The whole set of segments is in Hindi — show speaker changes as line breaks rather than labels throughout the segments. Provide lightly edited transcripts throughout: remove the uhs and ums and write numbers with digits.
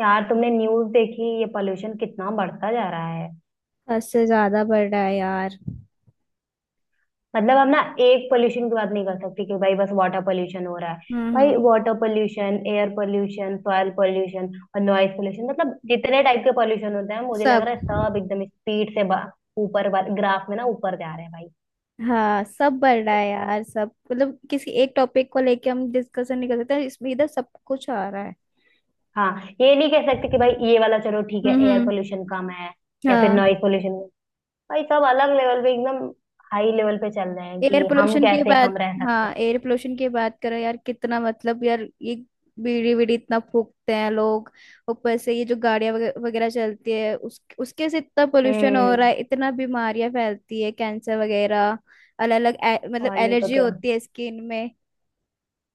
यार तुमने न्यूज देखी ये पोल्यूशन कितना बढ़ता जा रहा है।
हद से ज्यादा बढ़ रहा है यार।
मतलब हम ना एक पोल्यूशन की बात नहीं कर सकते कि भाई बस वाटर पोल्यूशन हो रहा है। भाई
हम्म।
Water pollution, air pollution, soil pollution और नॉइज पोल्यूशन, मतलब जितने टाइप के पोल्यूशन होते हैं मुझे लग
सब।
रहा है सब एकदम स्पीड से ऊपर ग्राफ में ना ऊपर जा रहे हैं भाई।
हाँ, सब बढ़ रहा है यार। सब मतलब किसी एक टॉपिक को लेके हम डिस्कशन नहीं कर सकते, तो इसमें इधर सब कुछ आ रहा है।
हाँ, ये नहीं कह सकते कि भाई ये वाला चलो ठीक है
हम्म
एयर
हम्म।
पोल्यूशन कम है या फिर
हाँ,
नॉइज पोल्यूशन। भाई सब अलग लेवल पे एकदम हाई लेवल पे चल रहे हैं
एयर
कि हम
पोल्यूशन की
कैसे
बात।
कम रह सकते
हाँ,
हैं।
एयर पोल्यूशन की बात करो यार। कितना, मतलब यार ये बीड़ी बीड़ी इतना फूकते हैं लोग। ऊपर से ये जो गाड़ियां वगैरह चलती है, उस उसके से इतना पोल्यूशन हो रहा है,
हम्म।
इतना बीमारियां फैलती है, कैंसर वगैरह। अलग अलग मतलब
और नहीं तो
एलर्जी
क्या।
होती है स्किन में।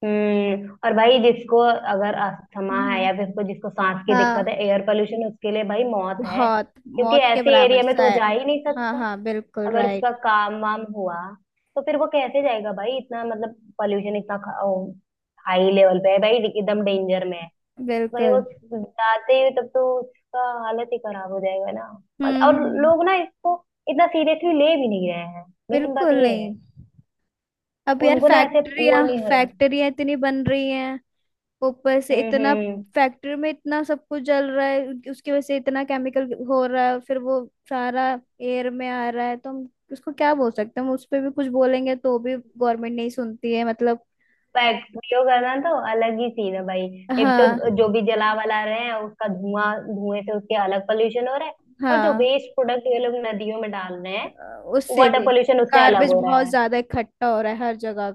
हम्म, और भाई जिसको अगर अस्थमा है
हम्म।
या फिर कोई जिसको सांस की दिक्कत
हाँ।
है, एयर पोल्यूशन उसके लिए भाई मौत है,
बहुत।
क्योंकि
मौत के
ऐसे
बराबर
एरिया में तो
सा
वो
है।
जा ही नहीं
हाँ
सकता।
हाँ, बिल्कुल
अगर
राइट।
उसका काम वाम हुआ तो फिर वो कैसे जाएगा भाई, इतना मतलब पोल्यूशन इतना हाई लेवल पे है, भाई एकदम डेंजर में है। भाई वो
बिल्कुल।
जाते ही तब तो उसका हालत ही खराब हो जाएगा ना। और
हम्म।
लोग ना इसको इतना सीरियसली ले भी नहीं रहे हैं। मेन बात
बिल्कुल
ये है।
नहीं। अब यार
उनको ना ऐसे वो
फैक्ट्रियां
नहीं हो रहा।
फैक्ट्रियां इतनी बन रही हैं। ऊपर से इतना
हम्म।
फैक्ट्री में इतना सब कुछ जल रहा है, उसकी वजह से इतना केमिकल हो रहा है, फिर वो सारा एयर में आ रहा है। तो हम उसको क्या बोल सकते हैं? हम उस पर भी कुछ बोलेंगे तो भी गवर्नमेंट नहीं सुनती है, मतलब।
पैक वीडियो करना तो अलग ही सीन है भाई। एक तो
हाँ।
जो भी जला वला रहे हैं उसका धुआं, धुएं से उसके अलग पोल्यूशन हो रहा है। और जो
हाँ
वेस्ट प्रोडक्ट ये लोग नदियों में डाल रहे
अ,
हैं,
उससे
वाटर
भी
पोल्यूशन उससे अलग
गार्बेज
हो रहा
बहुत
है।
ज्यादा इकट्ठा हो रहा है हर जगह।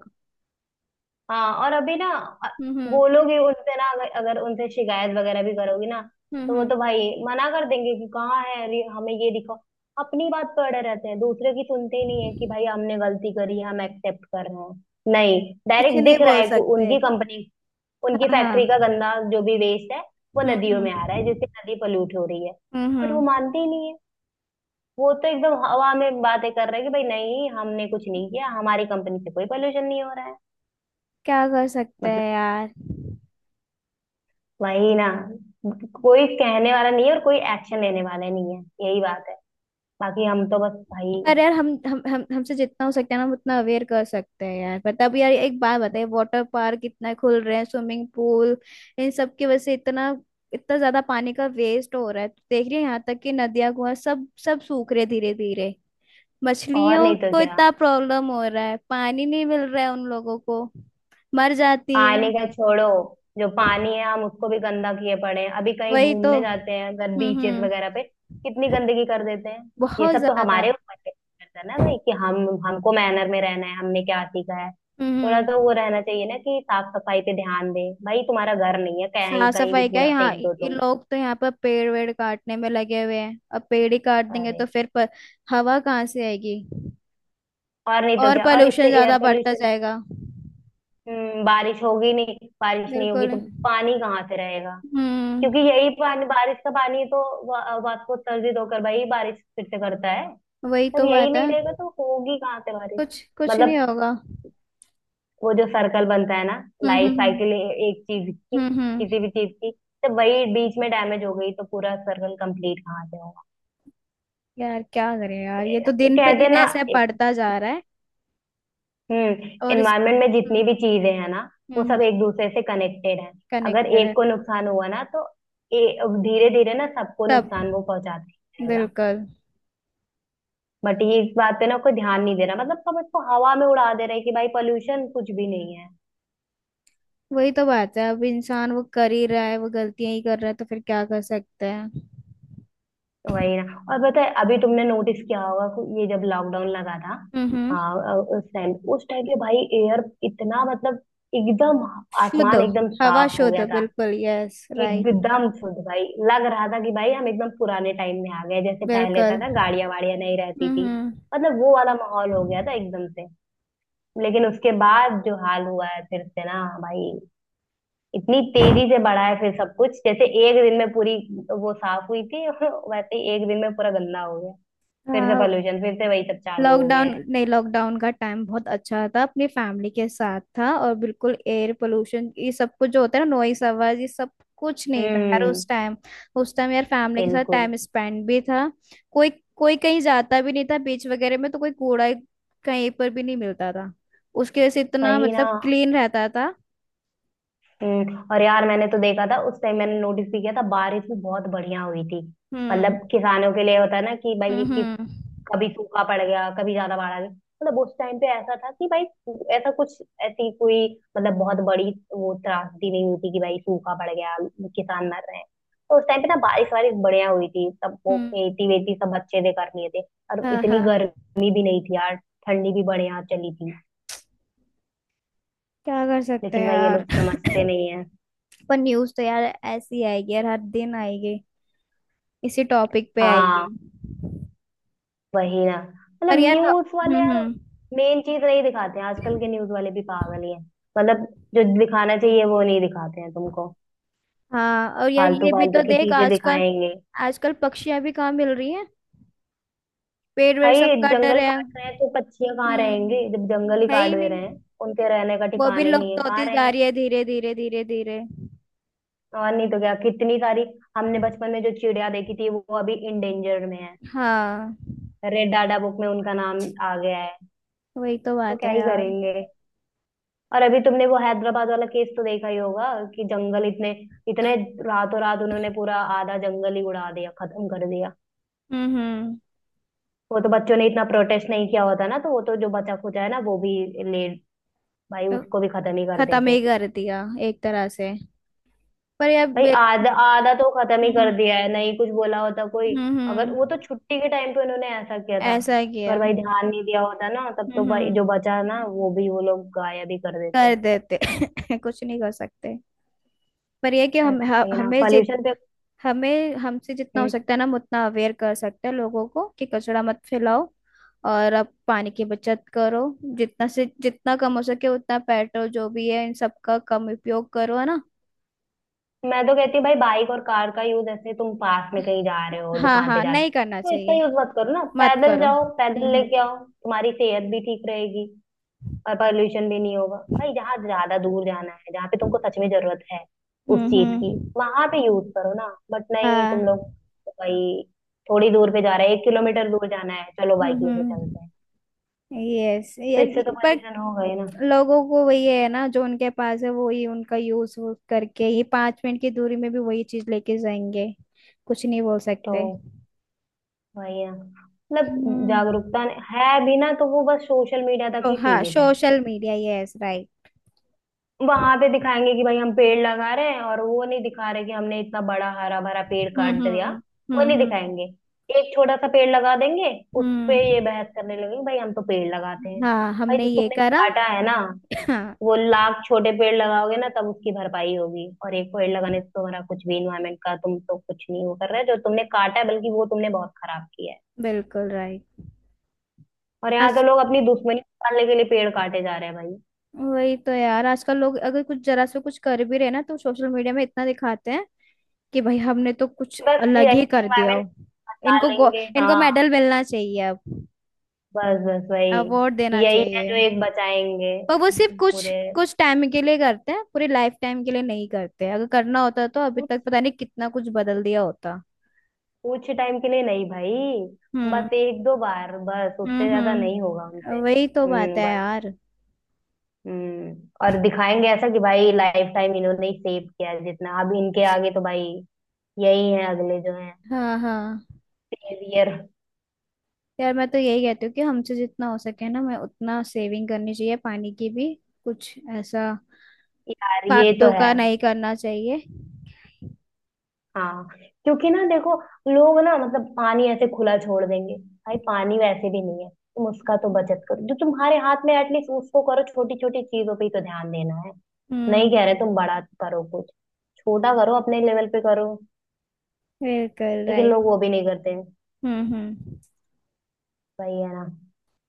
हाँ, और अभी ना अ-
हम्म
बोलोगे उनसे ना, अगर उनसे शिकायत वगैरह भी करोगी ना, तो वो
हम्म।
तो भाई मना कर देंगे कि कहाँ है, अरे हमें ये दिखाओ। अपनी बात पे अड़े रहते हैं, दूसरे की सुनते ही नहीं है कि भाई हमने गलती करी हम एक्सेप्ट कर रहे हैं, नहीं।
कुछ
डायरेक्ट
नहीं
दिख रहा
बोल
है कि
सकते।
उनकी कंपनी, उनकी
हाँ
फैक्ट्री का
हाँ।
गंदा जो भी वेस्ट है वो
हम्म
नदियों में आ रहा है, जिससे
हम्म
नदी पोल्यूट हो रही है।
हम्म
बट वो
हम्म।
मानते ही नहीं है। वो तो एकदम हवा में बातें कर रहे हैं कि भाई नहीं, हमने कुछ नहीं किया, हमारी कंपनी से कोई पोल्यूशन नहीं हो रहा है।
क्या कर सकते
मतलब
हैं यार?
वही ना, कोई कहने वाला नहीं है और कोई एक्शन लेने वाला नहीं है। यही बात है। बाकी हम तो बस भाई।
पर यार हम हमसे जितना हो सकता है ना, हम उतना अवेयर कर सकते हैं यार। पर तब यार एक बात बताइए, वाटर पार्क इतना खुल रहे हैं, स्विमिंग पूल, इन सब की वजह से इतना इतना ज्यादा पानी का वेस्ट हो रहा है। तो देख रही है, यहाँ तक कि नदियां, कुआं सब सब सूख रहे, धीरे धीरे।
और
मछलियों
नहीं तो
को
क्या।
इतना प्रॉब्लम हो रहा है, पानी नहीं मिल रहा है उन लोगों को। मर जाती है।
पानी का छोड़ो। जो पानी है हम उसको भी गंदा किए पड़े हैं, अभी कहीं
वही तो।
घूमने जाते हैं अगर बीचेस
हम्म।
वगैरह पे कितनी गंदगी कर देते हैं। ये
बहुत
सब तो
ज्यादा।
हमारे ऊपर डिपेंड करता है ना भाई कि हम, हमको मैनर में रहना है, हमने क्या सीखा है। थोड़ा
हम्म।
तो वो रहना चाहिए ना कि साफ सफाई पे ध्यान दें, भाई तुम्हारा घर नहीं है कहीं,
साफ
कहीं
सफाई
भी
क्या,
कूड़ा
यहाँ
फेंक दो
ये
तुम।
लोग तो यहाँ पर पेड़ वेड़ काटने में लगे हुए हैं। अब पेड़ ही काट देंगे
अरे,
तो फिर हवा कहाँ से आएगी?
और नहीं तो
और
क्या, और इससे
पोल्यूशन
एयर
ज्यादा बढ़ता
पोल्यूशन।
जाएगा।
बारिश होगी नहीं, बारिश नहीं होगी
बिल्कुल।
तो पानी कहाँ से रहेगा।
हम्म।
क्योंकि यही पानी, बारिश का पानी तो वास्को उत्सर्जित होकर भाई बारिश फिर से करता है।
वही
तब
तो
यही
बात है।
नहीं रहेगा तो होगी कहाँ से बारिश।
कुछ कुछ नहीं
मतलब
होगा।
वो जो सर्कल बनता है ना, लाइफ
हम्म।
साइकिल एक चीज की,
हम्म हम्म।
किसी भी चीज की, तो वही बीच में डैमेज हो गई तो पूरा सर्कल कंप्लीट कहाँ से होगा।
यार क्या करें यार, ये तो
ये
दिन पे
कहते हैं
दिन
ना,
ऐसे बढ़ता जा रहा है। और इस
एनवायरमेंट में जितनी
हम्म
भी चीजें हैं ना वो
हम्म
सब एक दूसरे से कनेक्टेड है। अगर
कनेक्टेड
एक
है।
को नुकसान हुआ ना तो धीरे धीरे ना सबको
सब।
नुकसान वो पहुंचाते रहेगा।
बिल्कुल।
बट ये इस बात पे ना कोई ध्यान नहीं दे रहा, मतलब सब इसको हवा में उड़ा दे रहे हैं कि भाई पोल्यूशन कुछ भी नहीं है।
वही तो बात है। अब इंसान वो कर ही रहा है, वो गलतियां ही कर रहा है, तो फिर क्या कर सकते हैं?
वही ना। और पता है अभी तुमने नोटिस किया होगा कि ये जब लॉकडाउन लगा था।
हम्म।
हाँ, उस टाइम पे भाई एयर इतना मतलब एकदम,
शुद्ध।
आसमान एकदम
हवा
साफ हो
शुद्ध,
गया था।
बिल्कुल। Yes right.
एकदम शुद्ध भाई। लग रहा था कि भाई हम एकदम पुराने टाइम में आ गए, जैसे पहले
बिल्कुल।
था ना गाड़ियां वाड़ियां नहीं रहती थी।
हम्म।
मतलब वो वाला माहौल हो गया था एकदम से। लेकिन उसके बाद जो हाल हुआ है फिर से ना भाई, इतनी तेजी से बढ़ा है फिर सब कुछ, जैसे एक दिन में पूरी वो साफ हुई थी वैसे ही एक दिन में पूरा गंदा हो गया। फिर से
हाँ।
पॉल्यूशन, फिर से वही सब चालू हो गया
लॉकडाउन
है।
नहीं, लॉकडाउन का टाइम बहुत अच्छा था। अपनी फैमिली के साथ था, और बिल्कुल एयर पोल्यूशन ये सब कुछ जो होता है ना, नॉइस आवाज ये सब कुछ नहीं था यार
हम्म।
उस टाइम। उस टाइम यार फैमिली के साथ
बिल्कुल।
टाइम स्पेंड भी था। कोई। कोई कहीं जाता भी नहीं था, बीच वगैरह में तो कोई कूड़ा कहीं पर भी नहीं मिलता था। उसकी वजह से इतना
वही
मतलब
ना।
क्लीन रहता था।
हम्म, और यार मैंने तो देखा था उस टाइम, मैंने नोटिस भी किया था, बारिश भी बहुत बढ़िया हुई थी।
हम्म
मतलब किसानों के लिए होता है ना कि भाई
हम्म।
कि कभी सूखा पड़ गया, कभी ज्यादा बाढ़ आ गई, मतलब उस टाइम पे ऐसा था कि भाई ऐसा कुछ, ऐसी कोई मतलब बहुत बड़ी वो त्रासदी नहीं हुई थी कि भाई सूखा पड़ गया, किसान मर रहे हैं। तो उस टाइम पे ना बारिश वारिश बढ़िया हुई थी, सब वो
हम्म।
खेती वेती सब अच्छे से कर लिए थे। और
हाँ
इतनी
हाँ।
गर्मी भी नहीं थी यार। ठंडी भी बढ़िया चली थी।
क्या कर सकते हैं
लेकिन भाई ये
यार?
लोग समझते नहीं है।
पर न्यूज तो यार ऐसी आएगी यार, हर दिन आएगी। इसी टॉपिक पे आएगी।
हाँ। वही ना। मतलब
पर यार
न्यूज वाले यार
हम्म।
मेन चीज नहीं दिखाते हैं, आजकल के न्यूज वाले भी पागल ही हैं। मतलब जो दिखाना चाहिए वो नहीं दिखाते हैं तुमको,
हाँ, और यार
फालतू
ये भी
फालतू
तो
की
देख
चीजें
आजकल।
दिखाएंगे।
आजकल पक्षियां भी कहाँ मिल रही हैं? पेड़ वेड़ सब
भाई
कट
जंगल
रहे हैं।
काट रहे हैं तो पक्षियां कहाँ
हम्म।
रहेंगे, जब जंगल ही
है
काट
ही
दे
नहीं।
रहे हैं। उनके रहने का
वो भी
ठिकाना ही नहीं
लुप्त
है, कहाँ
होती जा
रहेंगे।
रही है, धीरे धीरे धीरे धीरे।
और नहीं तो क्या, कितनी सारी हमने बचपन में जो चिड़िया देखी थी वो अभी इंडेंजर में है।
हाँ।
रेड डाटा बुक में उनका नाम आ गया है।
वही तो
तो
बात
क्या
है
ही
यार।
करेंगे। और अभी तुमने वो हैदराबाद वाला केस तो देखा ही होगा कि जंगल इतने, इतने रातों रात उन्होंने पूरा आधा जंगल ही उड़ा दिया, खत्म कर दिया।
हम्म
वो तो बच्चों ने इतना प्रोटेस्ट नहीं किया होता ना, तो वो तो जो बचा खुचा है ना वो भी ले भाई
हम्म।
उसको भी खत्म ही कर
खत्म ही
देते।
कर दिया, एक तरह से। पर यार
भाई आधा आधा तो खत्म ही कर
हम्म
दिया है, नहीं कुछ बोला होता कोई। अगर,
हम्म।
वो तो छुट्टी के टाइम पे उन्होंने ऐसा किया था।
ऐसा
अगर
किया।
भाई ध्यान नहीं दिया होता ना, तब तो
हम्म
भाई
हम्म,
जो बचा ना वो भी वो लोग गायब ही कर देते।
कर देते। कुछ नहीं कर सकते। पर यह है कि हम ह-
भाई ना
हमें जित
पॉल्यूशन पे।
हमें हमसे जितना हो
हम्म,
सकता है ना, हम उतना अवेयर कर सकते हैं लोगों को, कि कचरा मत फैलाओ। और अब पानी की बचत करो। जितना से जितना कम हो सके उतना पेट्रोल जो भी है इन सबका कम उपयोग करो, है ना।
मैं तो कहती हूँ भाई बाइक और कार का यूज, ऐसे तुम पास में कहीं जा रहे हो,
हाँ
दुकान पे
हाँ,
जा रहे
नहीं
हो
करना
तो इसका
चाहिए।
यूज मत करो ना,
मत
पैदल
करो।
जाओ पैदल
हम्म।
लेके आओ, तुम्हारी सेहत भी ठीक रहेगी और पॉल्यूशन भी नहीं होगा। भाई जहाँ ज्यादा दूर जाना है, जहाँ पे तुमको सच में जरूरत है उस चीज की,
हम्म।
वहां पे यूज करो ना, बट नहीं, तुम
हाँ।
लोग तो भाई थोड़ी दूर पे जा रहे हैं 1 किलोमीटर दूर जाना है, चलो बाइक लेके
हम्म।
चलते हैं,
यस
तो
यार
इससे तो
पर
पॉल्यूशन हो गए ना।
लोगों को वही है ना, जो उनके पास है वही उनका यूज करके ही 5 मिनट की दूरी में भी वही चीज लेके जाएंगे। कुछ नहीं बोल
तो
सकते।
वही ना, मतलब
हम्म।
जागरूकता है भी ना तो वो बस सोशल मीडिया तक
तो
ही
हाँ,
सीमित है।
Social media. Yes right.
वहां पे दिखाएंगे कि
हम्म
भाई हम पेड़ लगा रहे हैं, और वो नहीं दिखा रहे कि हमने इतना बड़ा हरा भरा पेड़
हम्म
काट दिया।
हम्म।
वो नहीं दिखाएंगे, एक छोटा सा पेड़ लगा देंगे। उस पे ये
हम्म।
बहस करने लगेंगे, भाई हम तो पेड़ लगाते हैं,
हाँ,
भाई
हमने
जो
ये
तुमने
करा।
काटा है ना,
हाँ।
वो लाख छोटे पेड़ लगाओगे ना तब उसकी भरपाई होगी, और एक पेड़ लगाने से तुम्हारा कुछ भी इन्वायरमेंट का तुम तो कुछ नहीं वो कर रहे जो तुमने काटा है, बल्कि वो तुमने बहुत खराब किया है।
बिल्कुल राइट।
और यहाँ तो
आज
लोग अपनी दुश्मनी निकालने के लिए पेड़ काटे जा रहे हैं भाई।
वही तो यार, आजकल लोग अगर कुछ जरा से कुछ कर भी रहे ना तो सोशल मीडिया में इतना दिखाते हैं कि भाई हमने तो कुछ
बस
अलग
यही,
ही कर दिया
इन्वायरमेंट
हो।
बचा
इनको
लेंगे,
इनको
हाँ।
मेडल मिलना चाहिए अब।
बस बस
अवार्ड
वही,
देना
यही है
चाहिए।
जो एक बचाएंगे।
पर वो सिर्फ कुछ
पूरे
कुछ टाइम के लिए करते हैं, पूरे लाइफ टाइम के लिए नहीं करते। अगर करना होता तो अभी
कुछ
तक पता नहीं कितना कुछ बदल दिया होता।
कुछ टाइम के लिए नहीं भाई,
हम्म
बस एक दो बार, बस उससे ज्यादा नहीं होगा उनसे,
हम्म। वही तो बात है
भाई।
यार।
हम्म। और दिखाएंगे ऐसा कि भाई लाइफ टाइम इन्होंने ही सेव किया है, जितना अब इनके आगे तो भाई यही है अगले जो है,
हाँ हाँ।
सेवियर।
यार मैं तो यही कहती हूँ कि हमसे जितना हो सके ना, मैं उतना सेविंग करनी चाहिए, पानी की भी। कुछ ऐसा
यार ये तो
फालतू
है।
का नहीं करना चाहिए।
हाँ। क्योंकि ना देखो, लोग ना मतलब पानी ऐसे खुला छोड़ देंगे। भाई पानी वैसे भी नहीं है, तुम उसका तो बचत करो, जो तुम्हारे हाथ में एटलीस्ट उसको करो, छोटी छोटी चीजों पे ही तो ध्यान देना है।
हम्म।
नहीं कह रहे तुम बड़ा करो कुछ, छोटा करो, अपने लेवल पे करो।
बिल्कुल
लेकिन
राइट।
लोग वो भी नहीं करते हैं।
हम्म।
वही है ना।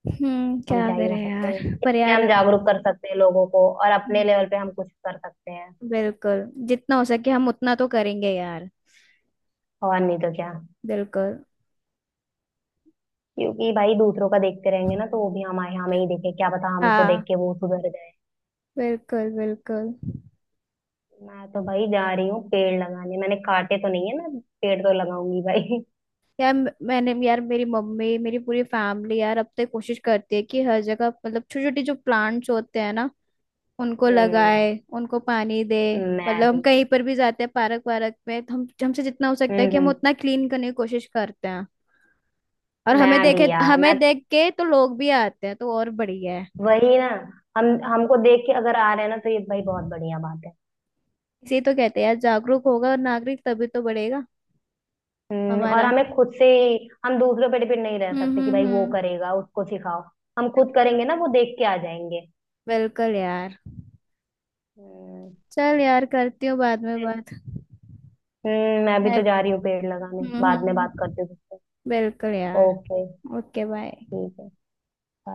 हम
क्या
क्या ही
करे
कर सकते हैं,
यार, पर
इसलिए
यार
हम जागरूक कर सकते हैं लोगों को और अपने
हम्म,
लेवल पे हम कुछ कर सकते हैं।
बिल्कुल। जितना हो सके हम उतना तो करेंगे यार।
और नहीं तो क्या।
बिल्कुल।
क्योंकि भाई दूसरों का देखते रहेंगे ना, तो वो भी हमारे, हमें ही देखे, क्या पता हमको देख
हाँ,
के वो सुधर जाए।
बिल्कुल बिल्कुल।
मैं तो भाई जा रही हूँ पेड़ लगाने, मैंने काटे तो नहीं है, मैं पेड़ तो लगाऊंगी भाई।
यार मैंने यार, मेरी मम्मी, मेरी पूरी फैमिली यार, अब तो कोशिश करती है कि हर जगह मतलब छोटे छोटे जो प्लांट्स होते हैं ना उनको
हम्म।
लगाए, उनको पानी दे।
मैं
मतलब हम
भी।
कहीं पर भी जाते हैं, पार्क वार्क में, तो हम हमसे जितना हो सकता है
हम्म
कि हम
हम्म,
उतना क्लीन करने की कोशिश करते हैं। और
मैं भी यार मैं
हमें देख के तो लोग भी आते हैं, तो और बढ़िया है।
वही ना, हम हमको देख के अगर आ रहे हैं ना तो ये भाई बहुत बढ़िया बात है।
इसे तो कहते हैं यार, जागरूक होगा और नागरिक तभी तो बढ़ेगा।
हम्म, और
हमारा।
हमें खुद से ही, हम दूसरों पे डिपेंड नहीं रह सकते कि भाई वो
हम्म।
करेगा, उसको सिखाओ। हम खुद
बिल्कुल।
करेंगे ना, वो देख के आ जाएंगे।
बिल्कुल यार।
हम्म।
चल यार, करती हूँ बाद में
चल।
बात।
मैं भी
मैं-
तो जा रही हूँ पेड़ लगाने,
हम्म
बाद में बात
हम्म,
करती हूँ तुझसे।
बिल्कुल यार।
ओके।
Okay bye.
ठीक है। bye।